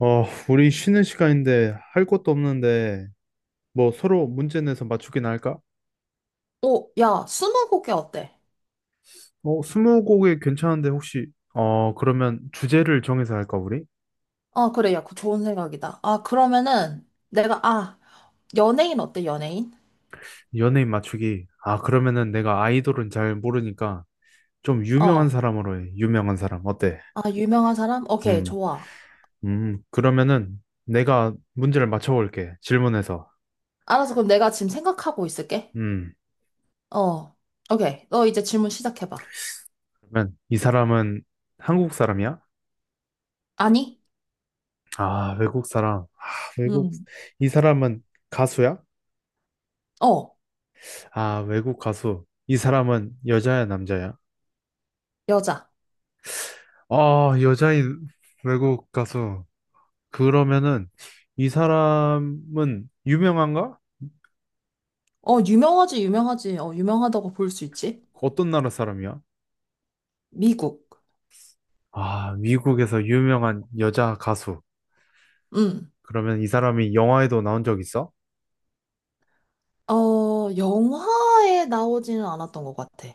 어, 우리 쉬는 시간인데 할 것도 없는데 뭐 서로 문제 내서 맞추기나 할까? 오, 야, 스무고개 어때? 어, 스무고개 괜찮은데 혹시 그러면 주제를 정해서 할까 우리? 아, 그래, 야, 그 좋은 생각이다. 아, 그러면은 연예인 어때, 연예인? 연예인 맞추기. 아, 그러면은 내가 아이돌은 잘 모르니까 좀 유명한 어, 사람으로 해. 유명한 사람. 어때? 아, 유명한 사람? 오케이, 음. 좋아. 그러면은 내가 문제를 맞춰 볼게. 질문해서. 알았어, 그럼 내가 지금 생각하고 있을게. 음. 어, 오케이, 너 이제 질문 시작해봐. 그러면 이 사람은 한국 사람이야? 아니? 아, 외국 사람. 아, 외국. 음, 이 사람은 가수야? 어, 아, 외국 가수. 이 사람은 여자야, 남자야? 여자. 아, 여자인 외국 가수. 그러면은 이 사람은 유명한가? 어, 유명하지, 유명하지. 유명하다고 볼 수 있지. 어떤 나라 사람이야? 미국. 아, 미국에서 유명한 여자 가수. 음, 그러면 이 사람이 영화에도 나온 적 있어? 어, 영화에 나오지는 않았던 것 같아.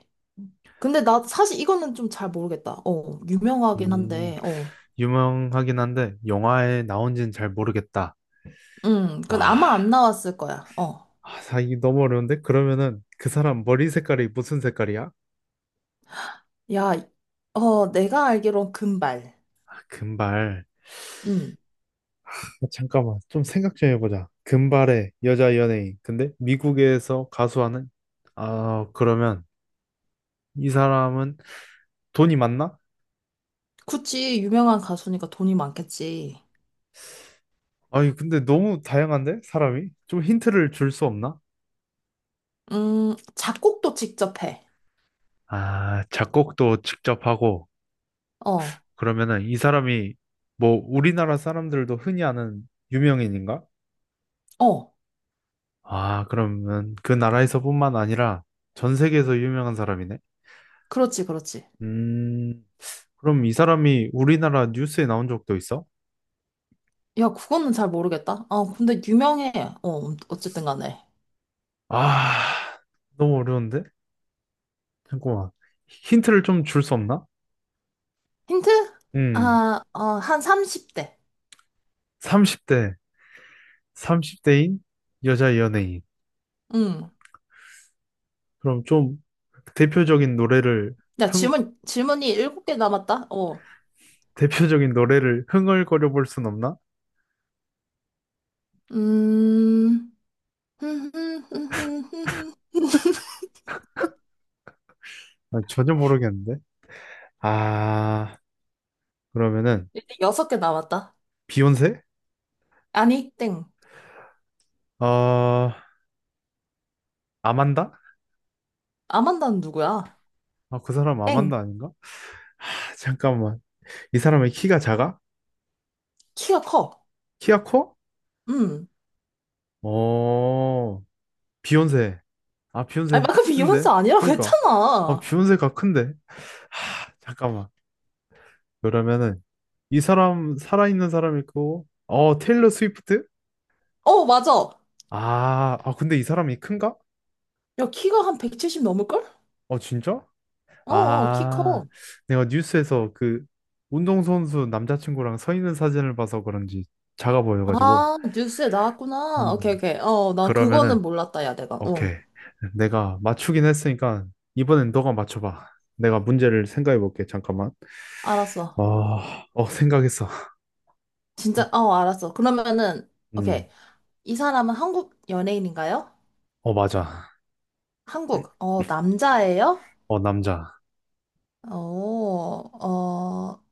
근데 나 사실 이거는 좀 잘 모르겠다. 유명하긴 음, 한데, 어. 유명하긴 한데 영화에 나온지는 잘 모르겠다. 그건 아마 안 아, 나왔을 거야. 어. 아, 이게 너무 어려운데? 그러면은 그 사람 머리 색깔이 무슨 색깔이야? 야, 내가 알기론 금발. 금발. 음. 아, 잠깐만, 좀 생각 좀 해보자. 금발의 여자 연예인. 근데 미국에서 가수하는? 아, 그러면 이 사람은 돈이 많나? 구찌 유명한 가수니까 돈이 많겠지. 아니, 근데 너무 다양한데? 사람이? 좀 힌트를 줄 수 없나? 작곡도 직접 해. 아, 작곡도 직접 하고, 어, 그러면은 이 사람이 뭐 우리나라 사람들도 흔히 아는 유명인인가? 어. 아, 그러면 그 나라에서뿐만 아니라 전 세계에서 유명한 사람이네? 그렇지, 그렇지. 음, 그럼 이 사람이 우리나라 뉴스에 나온 적도 있어? 야, 그거는 잘 모르겠다. 어, 근데 유명해. 어, 어쨌든 간에. 아, 너무 어려운데? 잠깐만. 힌트를 좀 줄 수 없나? 힌트? 음, 한 30대. 30대, 30대인 여자 연예인. 음. 그럼 좀 대표적인 노래를, 야, 흥, 질문이 일곱 개 남았다. 어. 대표적인 노래를 흥얼거려 볼 순 없나? 음. 아, 전혀 모르겠는데. 아, 그러면은, 이제 섯개 남았다. 비욘세? 아니, 땡. 어, 아만다? 아만다는 누구야? 아, 그 사람 땡. 아만다 아닌가? 아, 잠깐만. 이 사람의 키가 작아? 키가 커. 키가 커? 음. 어, 비욘세. 아, 아니, 비욘세 방금 비욘세 했는데? 아니라고 그러니까, 아, 했잖아. 비욘세가 큰데? 하, 잠깐만. 그러면은, 이 사람, 살아있는 사람 있고, 어, 테일러 스위프트? 어, 맞아. 아, 아, 근데 이 사람이 큰가? 야, 키가 한 170 넘을걸? 어, 진짜? 어, 어, 키 아, 커. 내가 뉴스에서 그, 운동선수 남자친구랑 서 있는 사진을 봐서 그런지 작아 보여가지고. 아, 뉴스에 나왔구나. 음, 오케이, 오케이. 어, 난 그러면은, 그거는 몰랐다, 야, 내가. 어, 오케이. 내가 맞추긴 했으니까, 이번엔 너가 맞춰봐. 내가 문제를 생각해 볼게, 잠깐만. 알았어. 아, 어, 생각했어. 진짜, 어, 알았어. 그러면은, 오케이. 음. 이 사람은 한국 연예인인가요? 어, 맞아. 한국. 어, 남자예요? 어, 남자. 어, 어,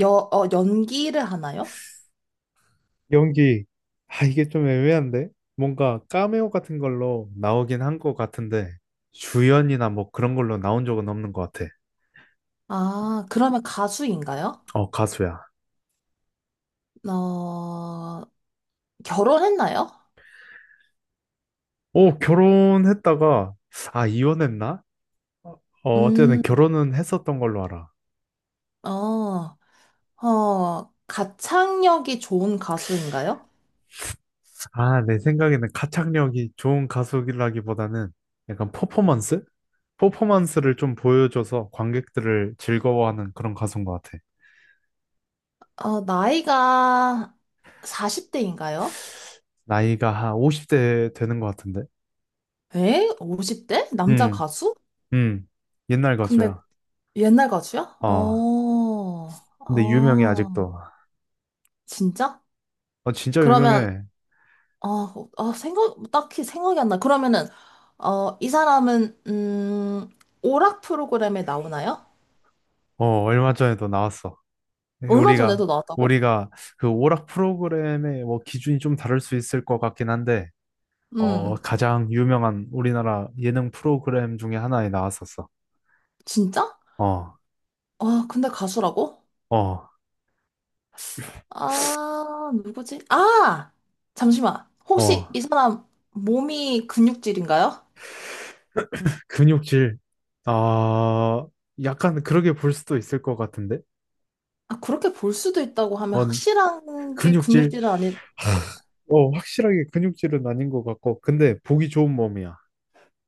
연기를 하나요? 연기, 아, 이게 좀 애매한데? 뭔가 카메오 같은 걸로 나오긴 한 것 같은데, 주연이나 뭐 그런 걸로 나온 적은 없는 것 같아. 아, 그러면 가수인가요? 어, 가수야. 어, 결혼했나요? 어, 결혼했다가, 아, 이혼했나? 어, 어쨌든 음, 결혼은 했었던 걸로 알아. 어, 가창력이 좋은 가수인가요? 아, 내 생각에는 가창력이 좋은 가수라기보다는 약간 퍼포먼스? 퍼포먼스를 좀 보여줘서 관객들을 즐거워하는 그런 가수인 것 같아. 어, 나이가 40대인가요? 나이가 한 50대 되는 것 같은데. 에? 50대? 남자 음, 가수? 음. 옛날 근데 가수야. 옛날 가수야? 어, 어, 근데 유명해, 어, 아직도. 진짜? 어, 진짜 그러면, 유명해. 어, 어, 생각, 딱히 생각이 안 나. 이 사람은, 오락 프로그램에 나오나요? 어, 얼마 전에도 나왔어. 얼마 우리가, 전에도 나왔다고? 우리가 그 오락 프로그램의 뭐 기준이 좀 다를 수 있을 것 같긴 한데, 어, 음, 가장 유명한 우리나라 예능 프로그램 중에 하나에 나왔었어. 진짜? 어, 아, 근데 가수라고? 어, 아, 누구지? 아! 잠시만. 어. 혹시 이 사람 몸이 근육질인가요? 근육질. 아, 약간 그렇게 볼 수도 있을 것 같은데? 아, 그렇게 볼 수도 있다고 하면 어, 확실한 게 근육질. 근육질은 아니, 어, 확실하게 근육질은 아닌 것 같고, 근데 보기 좋은 몸이야.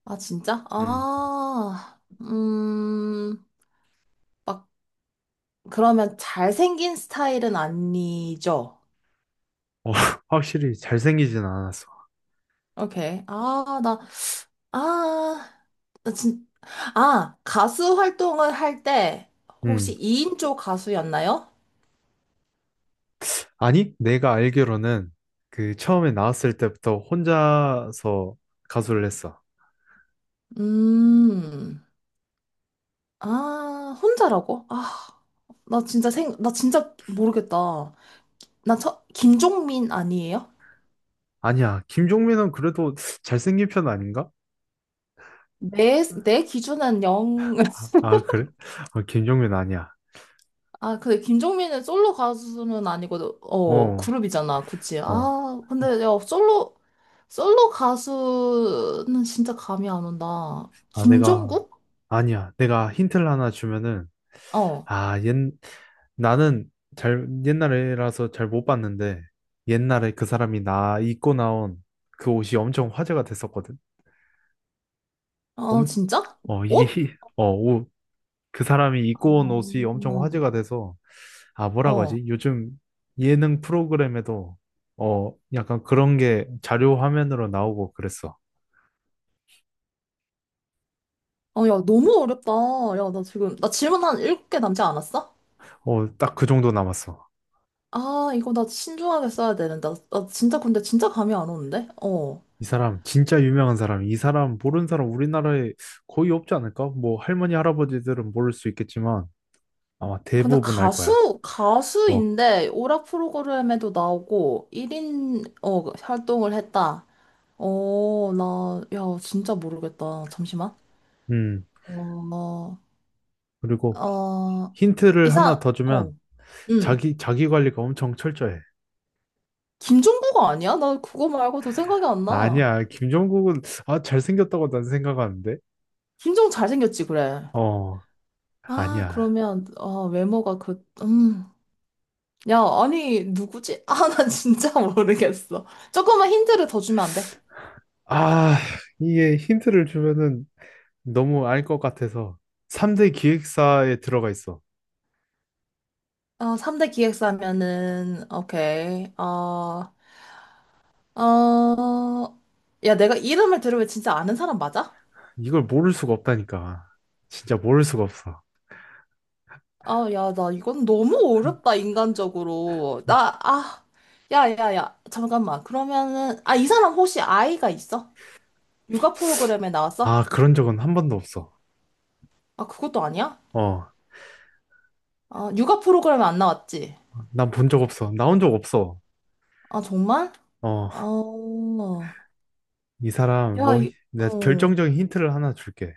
아, 진짜? 음. 아, 막, 그러면 잘생긴 스타일은 아니죠? 어, 확실히 잘생기진 않았어. 오케이. 아, 나 진, 아, 가수 활동을 할 때 혹시 음. 2인조 가수였나요? 아니, 내가 알기로는 그 처음에 나왔을 때부터 혼자서 가수를 했어. 음. 아, 혼자라고? 나 진짜 생, 나 진짜 모르겠다. 나 첫, 김종민 아니에요? 아니야, 김종민은 그래도 잘생긴 편 아닌가? 내, 내 기준은 영. 아, 아, 그래? 어, 김종민 아니야. 아, 근데 김종민은 솔로 가수는 아니고, 어, 어, 그룹이잖아, 그치? 어. 솔로 가수는 진짜 감이 안 온다. 아, 내가, 김종국? 아니야. 내가 힌트를 하나 주면은, 어, 아, 나는 잘, 옛날이라서 잘 못 봤는데, 옛날에 그 사람이 나 입고 나온 그 옷이 엄청 화제가 됐었거든. 어, 엄, 진짜? 어, 이게, 옷? 어, 옷, 그 사람이 입고 온 옷이 엄청 음. 화제가 돼서, 아, 뭐라고 어, 하지? 요즘 예능 프로그램에도, 어, 약간 그런 게 자료 화면으로 나오고 그랬어. 어, 야, 너무 어렵다. 야, 나 지금, 나 질문 한 7개 남지 않았어? 어, 딱 그 정도 남았어. 아, 이거 나 신중하게 써야 되는데. 나, 나 진짜 근데 진짜 감이 안 오는데? 어. 이 사람 진짜 유명한 사람, 이 사람 모르는 사람 우리나라에 거의 없지 않을까? 뭐 할머니 할아버지들은 모를 수 있겠지만 아마 근데 대부분 알 거야. 가수, 뭐, 가수인데 오락 프로그램에도 나오고 1인 어, 활동을 했다. 야, 진짜 모르겠다. 잠시만. 음. 어, 그리고 어, 힌트를 이상, 하나 더 어, 주면 응. 자기 관리가 엄청 철저해. 김종부가 아니야? 나 그거 말고도 생각이 안 나. 아니야, 김종국은 아 잘생겼다고 난 생각하는데. 김종 잘생겼지, 그래. 어 아니야. 외모가 그, 야, 아니, 누구지? 아, 나 진짜 모르겠어. 조금만 힌트를 더 주면 안 돼? 아 이게 힌트를 주면은 너무 알 것 같아서 3대 기획사에 들어가 있어. 어, 3대 기획사면은, 오케이. 어, 어, 야, 내가 이름을 들으면 진짜 아는 사람 맞아? 이걸 모를 수가 없다니까. 진짜 모를 수가 없어. 아, 야, 나 이건 너무 어렵다, 인간적으로. 야, 야, 야, 잠깐만. 그러면은, 아, 이 사람 혹시 아이가 있어? 육아 프로그램에 나왔어? 아, 그런 적은 한 번도 없어. 아, 그것도 아니야? 어, 아, 육아 프로그램에 안 나왔지? 난 본 적 없어. 나온 적 없어. 아, 정말? 어, 어, 이 사람, 야, 뭐, 이, 내가 어. 결정적인 힌트를 하나 줄게.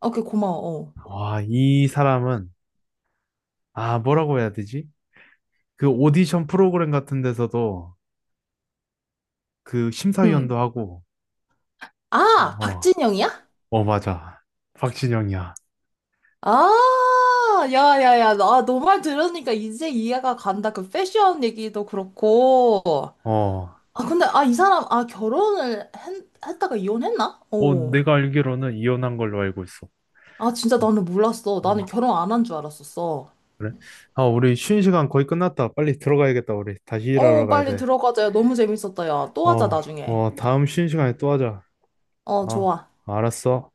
오케이 고마워. 어. 와, 이 사람은, 아, 뭐라고 해야 되지? 그 오디션 프로그램 같은 데서도 그 응. 심사위원도 하고, 아, 어, 박진영이야? 어, 맞아. 박진영이야. 아, 야, 야, 야. 나 너 말 들으니까 이제 이해가 간다. 그 패션 얘기도 그렇고. 어, 이 사람, 결혼을 했, 했다가 이혼했나? 어, 어. 내가 알기로는 이혼한 걸로 알고 있어. 아, 진짜 나는 몰랐어. 음, 나는 결혼 안 한 줄 알았었어. 그래? 아, 우리 쉬는 시간 거의 끝났다. 빨리 들어가야겠다, 우리. 다시 일하러 어, 가야 빨리 돼. 들어가자. 야, 너무 재밌었다. 야, 또 하자, 어, 나중에. 어, 다음 쉬는 시간에 또 하자. 어, 어, 좋아. 알았어.